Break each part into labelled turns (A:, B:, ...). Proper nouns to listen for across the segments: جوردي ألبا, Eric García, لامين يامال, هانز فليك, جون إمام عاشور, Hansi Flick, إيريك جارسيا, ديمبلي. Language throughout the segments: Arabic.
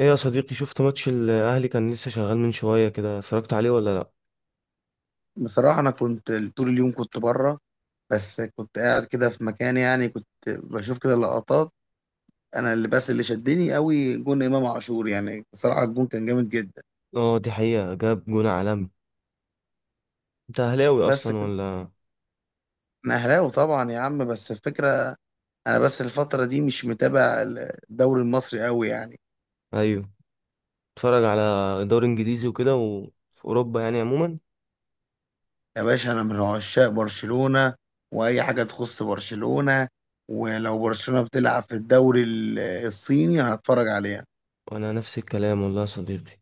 A: ايه يا صديقي، شفت ماتش الاهلي؟ كان لسه شغال من شويه كده. اتفرجت عليه ولا لا؟
B: بصراحة أنا كنت طول اليوم كنت بره. بس كنت قاعد كده في مكان، يعني كنت بشوف كده لقطات. أنا اللي شدني قوي جون إمام عاشور، يعني بصراحة الجون كان جامد جدا.
A: اه دي حقيقه، جاب جون عالمي. انت اهلاوي
B: بس
A: اصلا
B: كنت
A: ولا؟
B: أنا أهلاوي طبعا يا عم، بس الفكرة أنا بس الفترة دي مش متابع الدوري المصري قوي يعني.
A: ايوه، اتفرج على دوري انجليزي وكده، وفي اوروبا يعني عموما.
B: يا باشا أنا من عشاق برشلونة، وأي حاجة تخص برشلونة، ولو برشلونة بتلعب في الدوري الصيني أنا هتفرج عليها.
A: وانا نفس الكلام والله يا صديقي،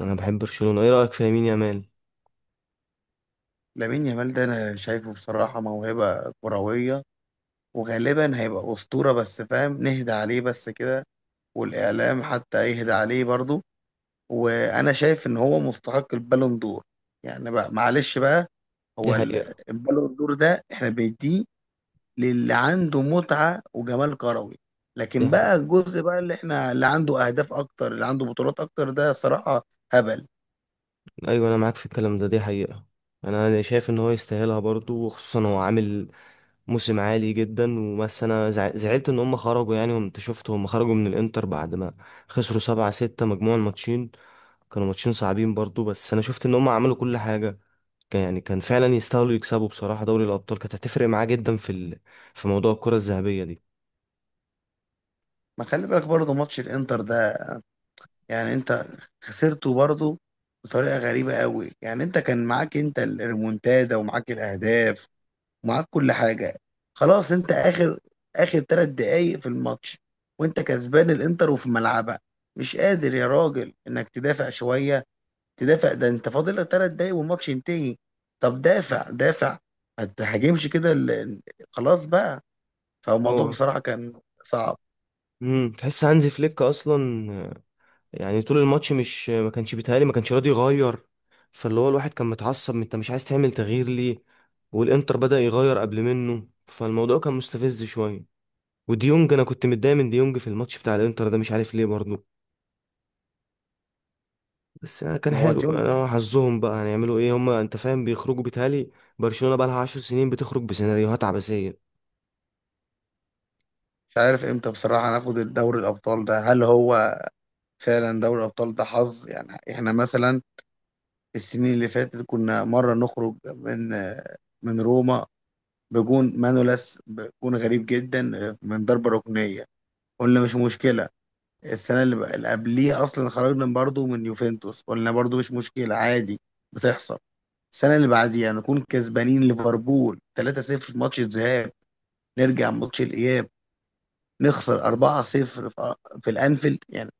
A: انا بحب برشلونه. ايه رايك في يمين يامال؟
B: لامين يامال ده أنا شايفه بصراحة موهبة كروية، وغالبا هيبقى أسطورة، بس فاهم نهدى عليه بس كده، والإعلام حتى يهدى عليه برضه. وأنا شايف إن هو مستحق البالون دور، يعني بقى معلش بقى.
A: دي
B: هو
A: حقيقه.
B: البالون دور ده إحنا بنديه للي عنده متعة وجمال كروي،
A: دي
B: لكن بقى
A: حقيقة.
B: الجزء بقى اللي عنده أهداف أكتر، اللي عنده بطولات أكتر، ده صراحة هبل.
A: ايوه انا معاك في الكلام ده، دي حقيقه. انا شايف ان هو يستاهلها برضو، وخصوصا هو عامل موسم عالي جدا. وبس انا زعلت ان هم خرجوا يعني، وانت شفت هم خرجوا من الانتر بعد ما خسروا 7-6 مجموع الماتشين. كانوا ماتشين صعبين برضو، بس انا شفت ان هم عملوا كل حاجة. كان يعني كان فعلا يستاهلوا يكسبوا. بصراحة دوري الابطال كانت هتفرق معاه جدا في ال... في موضوع الكرة الذهبية دي.
B: ما خلي بالك برضه ماتش الإنتر ده، يعني انت خسرته برضه بطريقه غريبه قوي، يعني انت كان معاك انت الريمونتادا، ومعاك الاهداف، ومعاك كل حاجه. خلاص انت اخر 3 دقايق في الماتش، وانت كسبان الانتر وفي ملعبها، مش قادر يا راجل انك تدافع شويه؟ تدافع ده انت فاضل لك 3 دقايق والماتش ينتهي، طب دافع دافع، ما تهاجمش كده خلاص بقى. فالموضوع
A: هو
B: بصراحه كان صعب.
A: تحس هانزي فليك اصلا يعني طول الماتش مش ما كانش بيتهيألي ما كانش راضي يغير. فاللي هو الواحد كان متعصب، انت مش عايز تعمل تغيير ليه؟ والانتر بدأ يغير قبل منه، فالموضوع كان مستفز شوية. وديونج، انا كنت متضايق من ديونج في الماتش بتاع الانتر ده، مش عارف ليه برضه. بس أنا كان
B: هو
A: حلو،
B: ديونج.
A: انا حظهم بقى هنعملوا ايه هما؟ انت فاهم، بيخرجوا بيتهيألي. برشلونة بقى لها 10 سنين بتخرج بسيناريوهات عبثية.
B: مش عارف امتى بصراحه هناخد الدوري الابطال ده، هل هو فعلا دوري الابطال ده حظ؟ يعني احنا مثلا السنين اللي فاتت كنا مره نخرج من روما بجون مانولاس، بجون غريب جدا، من ضربه ركنيه، قلنا مش مشكله. السنه اللي قبليها اصلا خرجنا برضو من يوفنتوس، قلنا برضو مش مشكله، عادي بتحصل. السنه اللي بعديها نكون كسبانين ليفربول 3-0 في ماتش الذهاب، نرجع ماتش الاياب نخسر 4-0 في في الانفيلد يعني،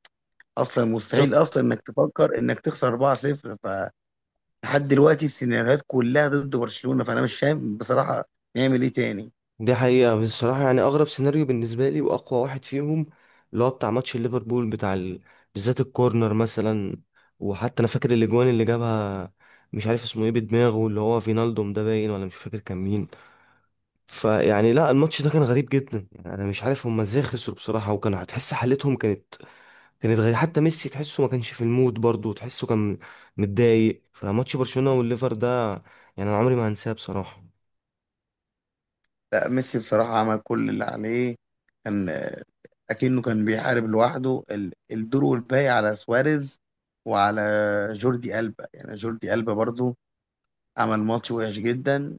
B: اصلا مستحيل اصلا
A: بالظبط.
B: انك تفكر انك تخسر 4-0. لحد دلوقتي السيناريوهات كلها ضد برشلونة، فانا مش فاهم بصراحة نعمل ايه تاني.
A: دي حقيقة بس الصراحة يعني أغرب سيناريو بالنسبة لي وأقوى واحد فيهم اللي هو بتاع ماتش ليفربول بتاع ال... بالذات الكورنر مثلا. وحتى أنا فاكر الأجوان اللي جابها، مش عارف اسمه ايه، بدماغه اللي هو فينالدوم ده، باين ولا مش فاكر كان مين. فيعني لا الماتش ده كان غريب جدا. يعني أنا مش عارف هما ازاي خسروا بصراحة، وكانوا هتحس حالتهم كانت كانت غريبة. حتى ميسي تحسه ما كانش في المود برضه، تحسه كان متضايق. فماتش برشلونة والليفر ده يعني أنا عمري ما هنساه بصراحة.
B: لا ميسي بصراحة عمل كل اللي عليه، كان اكنه كان بيحارب لوحده الدور، والباقي على سواريز وعلى جوردي ألبا. يعني جوردي ألبا برضو عمل ماتش وحش جدا،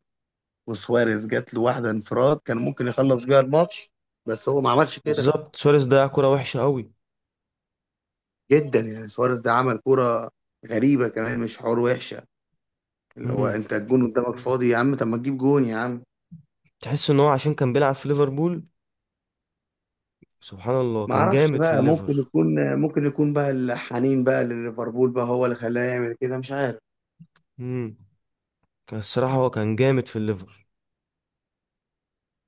B: وسواريز جات له واحدة انفراد كان ممكن يخلص بيها الماتش، بس هو ما عملش كده.
A: بالظبط، سواريز ضيع كرة وحشة قوي.
B: جدا يعني سواريز ده عمل كرة غريبة كمان، مش حوار وحشة، اللي هو انت الجون قدامك فاضي يا عم، طب ما تجيب جون يا عم.
A: تحس ان هو عشان كان بيلعب في ليفربول، سبحان الله
B: ما
A: كان
B: اعرفش
A: جامد في
B: بقى، ممكن
A: الليفر.
B: يكون ممكن يكون بقى الحنين بقى لليفربول بقى هو اللي خلاه يعمل كده، مش عارف.
A: امم كان الصراحه هو كان جامد في الليفر.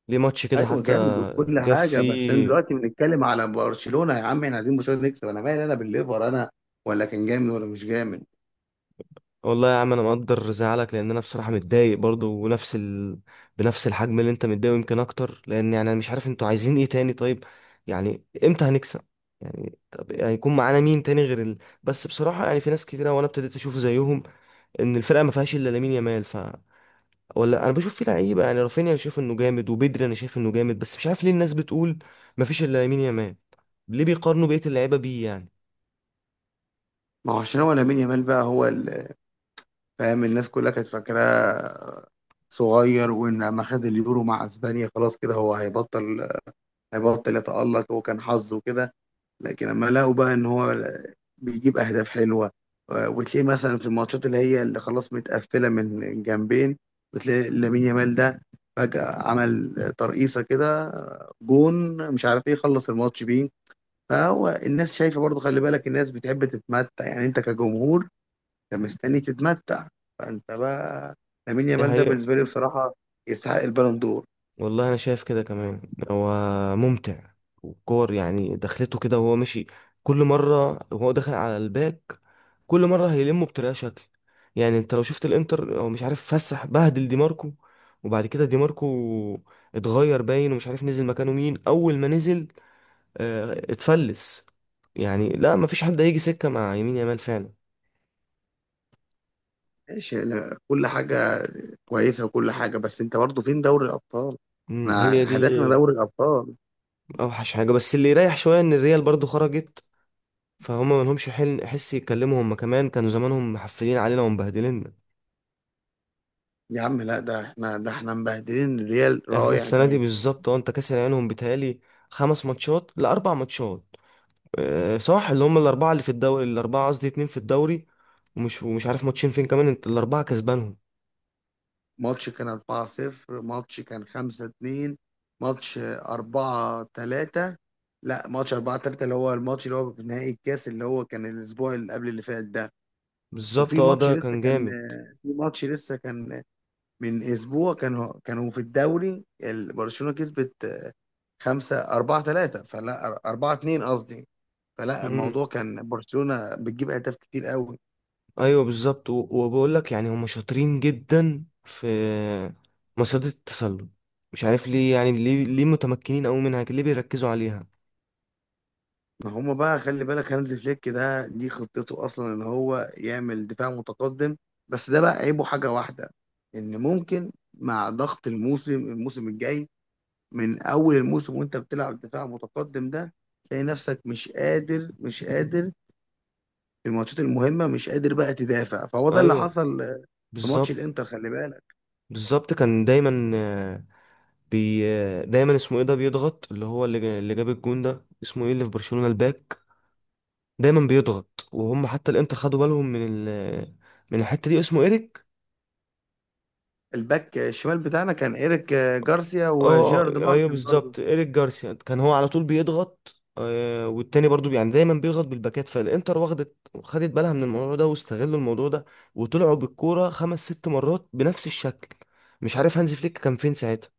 A: ليه ماتش كده
B: ايوه
A: حتى
B: جامد وكل
A: جاب
B: حاجه، بس انا
A: فيه.
B: دلوقتي بنتكلم على برشلونه يا عم، احنا عايزين برشلونه نكسب. انا مالي انا بالليفر، انا ولا كان جامد ولا مش جامد.
A: والله يا عم انا مقدر زعلك، لان انا بصراحه متضايق برضو ونفس ال... بنفس الحجم اللي انت متضايق، يمكن اكتر. لان يعني انا مش عارف انتوا عايزين ايه تاني؟ طيب يعني امتى هنكسب؟ يعني طب هيكون معانا مين تاني غير ال...؟ بس بصراحه يعني في ناس كتيره وانا ابتديت اشوف زيهم، ان الفرقه ما فيهاش الا لامين يامال. ف ولا انا بشوف فيه لعيبه يعني. رافينيا انا شايف انه جامد، وبدري انا شايف انه جامد. بس مش عارف ليه الناس بتقول مفيش الا يمين يامال. ليه بيقارنوا بقيه اللعيبه بيه يعني؟
B: ما هو عشان هو لامين يامال بقى هو فاهم. الناس كلها كانت فاكراه صغير، وان ما خد اليورو مع اسبانيا خلاص كده هو هيبطل، هيبطل يتألق، وكان حظه كده. لكن لما لقوا بقى ان هو بيجيب اهداف حلوه، وتلاقيه مثلا في الماتشات اللي هي اللي خلاص متقفله من جنبين، بتلاقي لامين يامال ده فجاه عمل ترقيصه كده، جون مش عارف ايه، خلص الماتش بيه. فهو الناس شايفه برضه، خلي بالك الناس بتحب تتمتع. يعني انت كجمهور انت مستني تتمتع، فانت بقى لامين
A: ده
B: يامال ده
A: حقيقة.
B: بالنسبه لي بصراحه يستحق البالون دور.
A: والله انا شايف كده كمان، هو ممتع. وكور يعني، دخلته كده وهو ماشي. كل مره وهو داخل على الباك، كل مره هيلمه بطريقه شكل. يعني انت لو شفت الانتر، هو مش عارف فسح بهدل دي ماركو. وبعد كده دي ماركو اتغير باين، ومش عارف نزل مكانه مين. اول ما نزل اتفلس. يعني لا، مفيش حد هيجي سكة مع يمين يامال فعلا.
B: ماشي أنا كل حاجة كويسة وكل حاجة، بس أنت برضه فين دوري الأبطال؟ احنا
A: هي دي
B: هدفنا دوري الأبطال.
A: اوحش حاجة. بس اللي يريح شوية ان الريال برضو خرجت، فهم ما لهمش حل حس يتكلموا. هم كمان كانوا زمانهم محفلين علينا ومبهدلين.
B: يا عم لا، ده احنا، ده احنا مبهدلين الريال
A: احنا
B: رايح
A: السنة دي
B: جاي.
A: بالظبط، اه انت كاسر عينهم بيتهيألي. 5-4 ماتشات. اه صح، اللي هم الأربعة اللي في الدوري، الأربعة قصدي اتنين في الدوري، ومش عارف ماتشين فين كمان. انت الأربعة كسبانهم.
B: ماتش كان 4-0، ماتش كان 5-2، ماتش 4-3. لا ماتش 4-3 اللي هو الماتش اللي هو في نهائي الكاس اللي هو كان الأسبوع اللي قبل اللي فات ده.
A: بالظبط،
B: وفي
A: اه
B: ماتش
A: ده
B: لسه
A: كان
B: كان،
A: جامد.
B: في ماتش لسه كان من أسبوع، كانوا في الدوري برشلونة كسبت خمسة أربعة ثلاثة، فلا أربعة اتنين قصدي. فلا
A: مم.
B: الموضوع كان برشلونة بتجيب أهداف كتير قوي.
A: ايوه بالظبط. وبقول لك يعني هم شاطرين جدا في مصيدة التسلل. مش عارف ليه يعني، ليه متمكنين قوي منها كده، ليه بيركزوا عليها؟
B: ما هم بقى خلي بالك، هانز فليك ده دي خطته أصلا إن هو يعمل دفاع متقدم. بس ده بقى عيبه حاجة واحدة، إن ممكن مع ضغط الموسم الجاي، من أول الموسم وأنت بتلعب دفاع متقدم ده، تلاقي نفسك مش قادر مش قادر في الماتشات المهمة، مش قادر بقى تدافع، فهو ده اللي
A: ايوه
B: حصل في ماتش
A: بالظبط.
B: الإنتر خلي بالك.
A: بالظبط كان دايما بي دايما اسمه ايه ده بيضغط. اللي هو اللي جاب الجون ده اسمه ايه اللي في برشلونة الباك، دايما بيضغط. وهم حتى الانتر خدوا بالهم من ال من الحتة دي. اسمه ايريك.
B: الباك الشمال بتاعنا كان إيريك جارسيا
A: اه
B: وجيرارد
A: ايوه
B: مارتن برضه.
A: بالظبط، ايريك جارسيا كان هو على طول بيضغط والتاني برضو يعني دايما بيضغط بالباكات. فالانتر واخدت، خدت بالها من الموضوع ده واستغلوا الموضوع ده، وطلعوا بالكوره خمس ست مرات بنفس الشكل. مش عارف هانزي فليك كان فين ساعتها.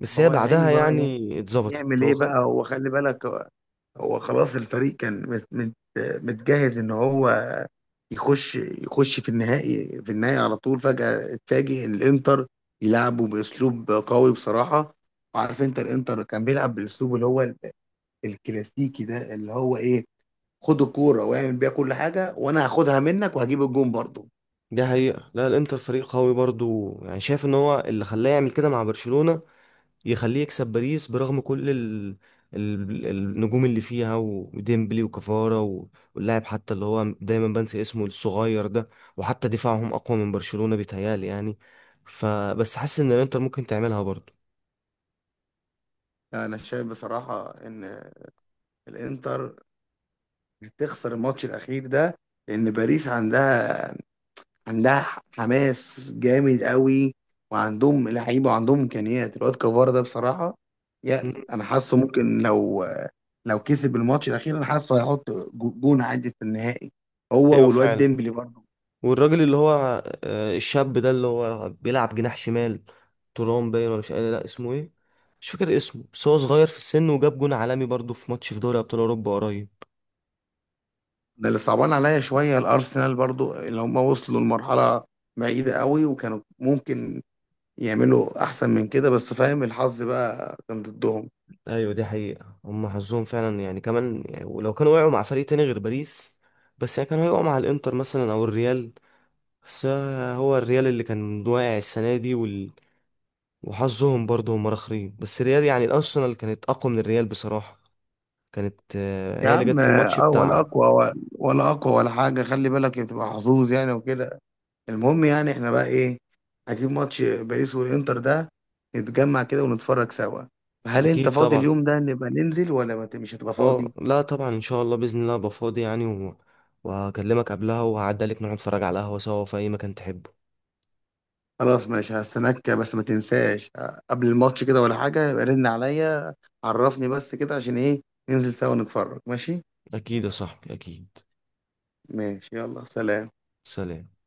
A: بس هي
B: هو يا عيني
A: بعدها
B: بقى، يعني
A: يعني اتظبطت،
B: يعمل
A: هو
B: ايه
A: خد.
B: بقى، هو خلي بالك هو، هو خلاص الفريق كان متجهز ان هو يخش في النهائي على طول. فجأة اتفاجئ الانتر يلعبوا باسلوب قوي بصراحة. وعارف انت الانتر كان بيلعب بالاسلوب اللي هو الكلاسيكي ده، اللي هو ايه، خد الكورة واعمل بيها كل حاجة، وانا هاخدها منك وهجيب الجون برضه.
A: دي حقيقة، لا الانتر فريق قوي برضو يعني. شايف ان هو اللي خلاه يعمل كده مع برشلونة، يخليه يكسب باريس برغم كل ال... ال... النجوم اللي فيها، وديمبلي وكفارة و- واللاعب حتى اللي هو دايما بنسى اسمه الصغير ده. وحتى دفاعهم أقوى من برشلونة بيتهيألي يعني. فبس حاسس إن الإنتر ممكن تعملها برضه.
B: انا شايف بصراحة ان الانتر تخسر الماتش الاخير ده، لان باريس عندها حماس جامد قوي، وعندهم لعيبه وعندهم امكانيات. الواد كفار ده بصراحه، يا
A: مم.
B: انا حاسه ممكن لو، لو كسب الماتش الاخير انا حاسه هيحط جون عادي في النهائي، هو
A: ايوه
B: والواد
A: فعلا.
B: ديمبلي برضه.
A: والراجل اللي هو الشاب ده اللي هو بيلعب جناح شمال، تورام باين ولا مش قادر، لا اسمه ايه مش فاكر اسمه. بس هو صغير في السن وجاب جون عالمي برضه في ماتش في دوري ابطال اوروبا قريب.
B: ده اللي صعبان عليا شويه الارسنال برضه، اللي هم وصلوا لمرحله بعيده قوي، وكانوا ممكن يعملوا احسن من كده، بس فاهم الحظ بقى كان ضدهم.
A: ايوه دي حقيقة. هم حظهم فعلا يعني كمان يعني، ولو كانوا وقعوا مع فريق تاني غير باريس، بس يعني كانوا هيقعوا مع الانتر مثلا او الريال. بس هو الريال اللي كان واقع السنة دي وال... وحظهم برضه هم راخرين. بس الريال يعني الارسنال كانت اقوى من الريال بصراحة. كانت
B: يا
A: هي اللي
B: عم
A: جت في الماتش
B: اه، ولا
A: بتاع.
B: اقوى ولا اقوى ولا حاجه، خلي بالك بتبقى حظوظ يعني وكده. المهم يعني احنا بقى ايه، هنجيب ماتش باريس والانتر ده نتجمع كده ونتفرج سوا. هل انت
A: اكيد
B: فاضي
A: طبعا.
B: اليوم ده نبقى ننزل، ولا ما ت- مش هتبقى
A: اه
B: فاضي؟
A: لا طبعا ان شاء الله، باذن الله ابقى فاضي يعني و... وهكلمك قبلها وهعدي عليك، نقعد نتفرج على القهوة سوا في اي مكان تحبه.
B: خلاص ماشي، هستناك، بس ما تنساش قبل الماتش كده ولا حاجه يبقى رن عليا، عرفني بس كده عشان ايه ننزل سوا نتفرج ماشي.
A: اكيد يا صاحبي اكيد.
B: ماشي يلا سلام.
A: سلام.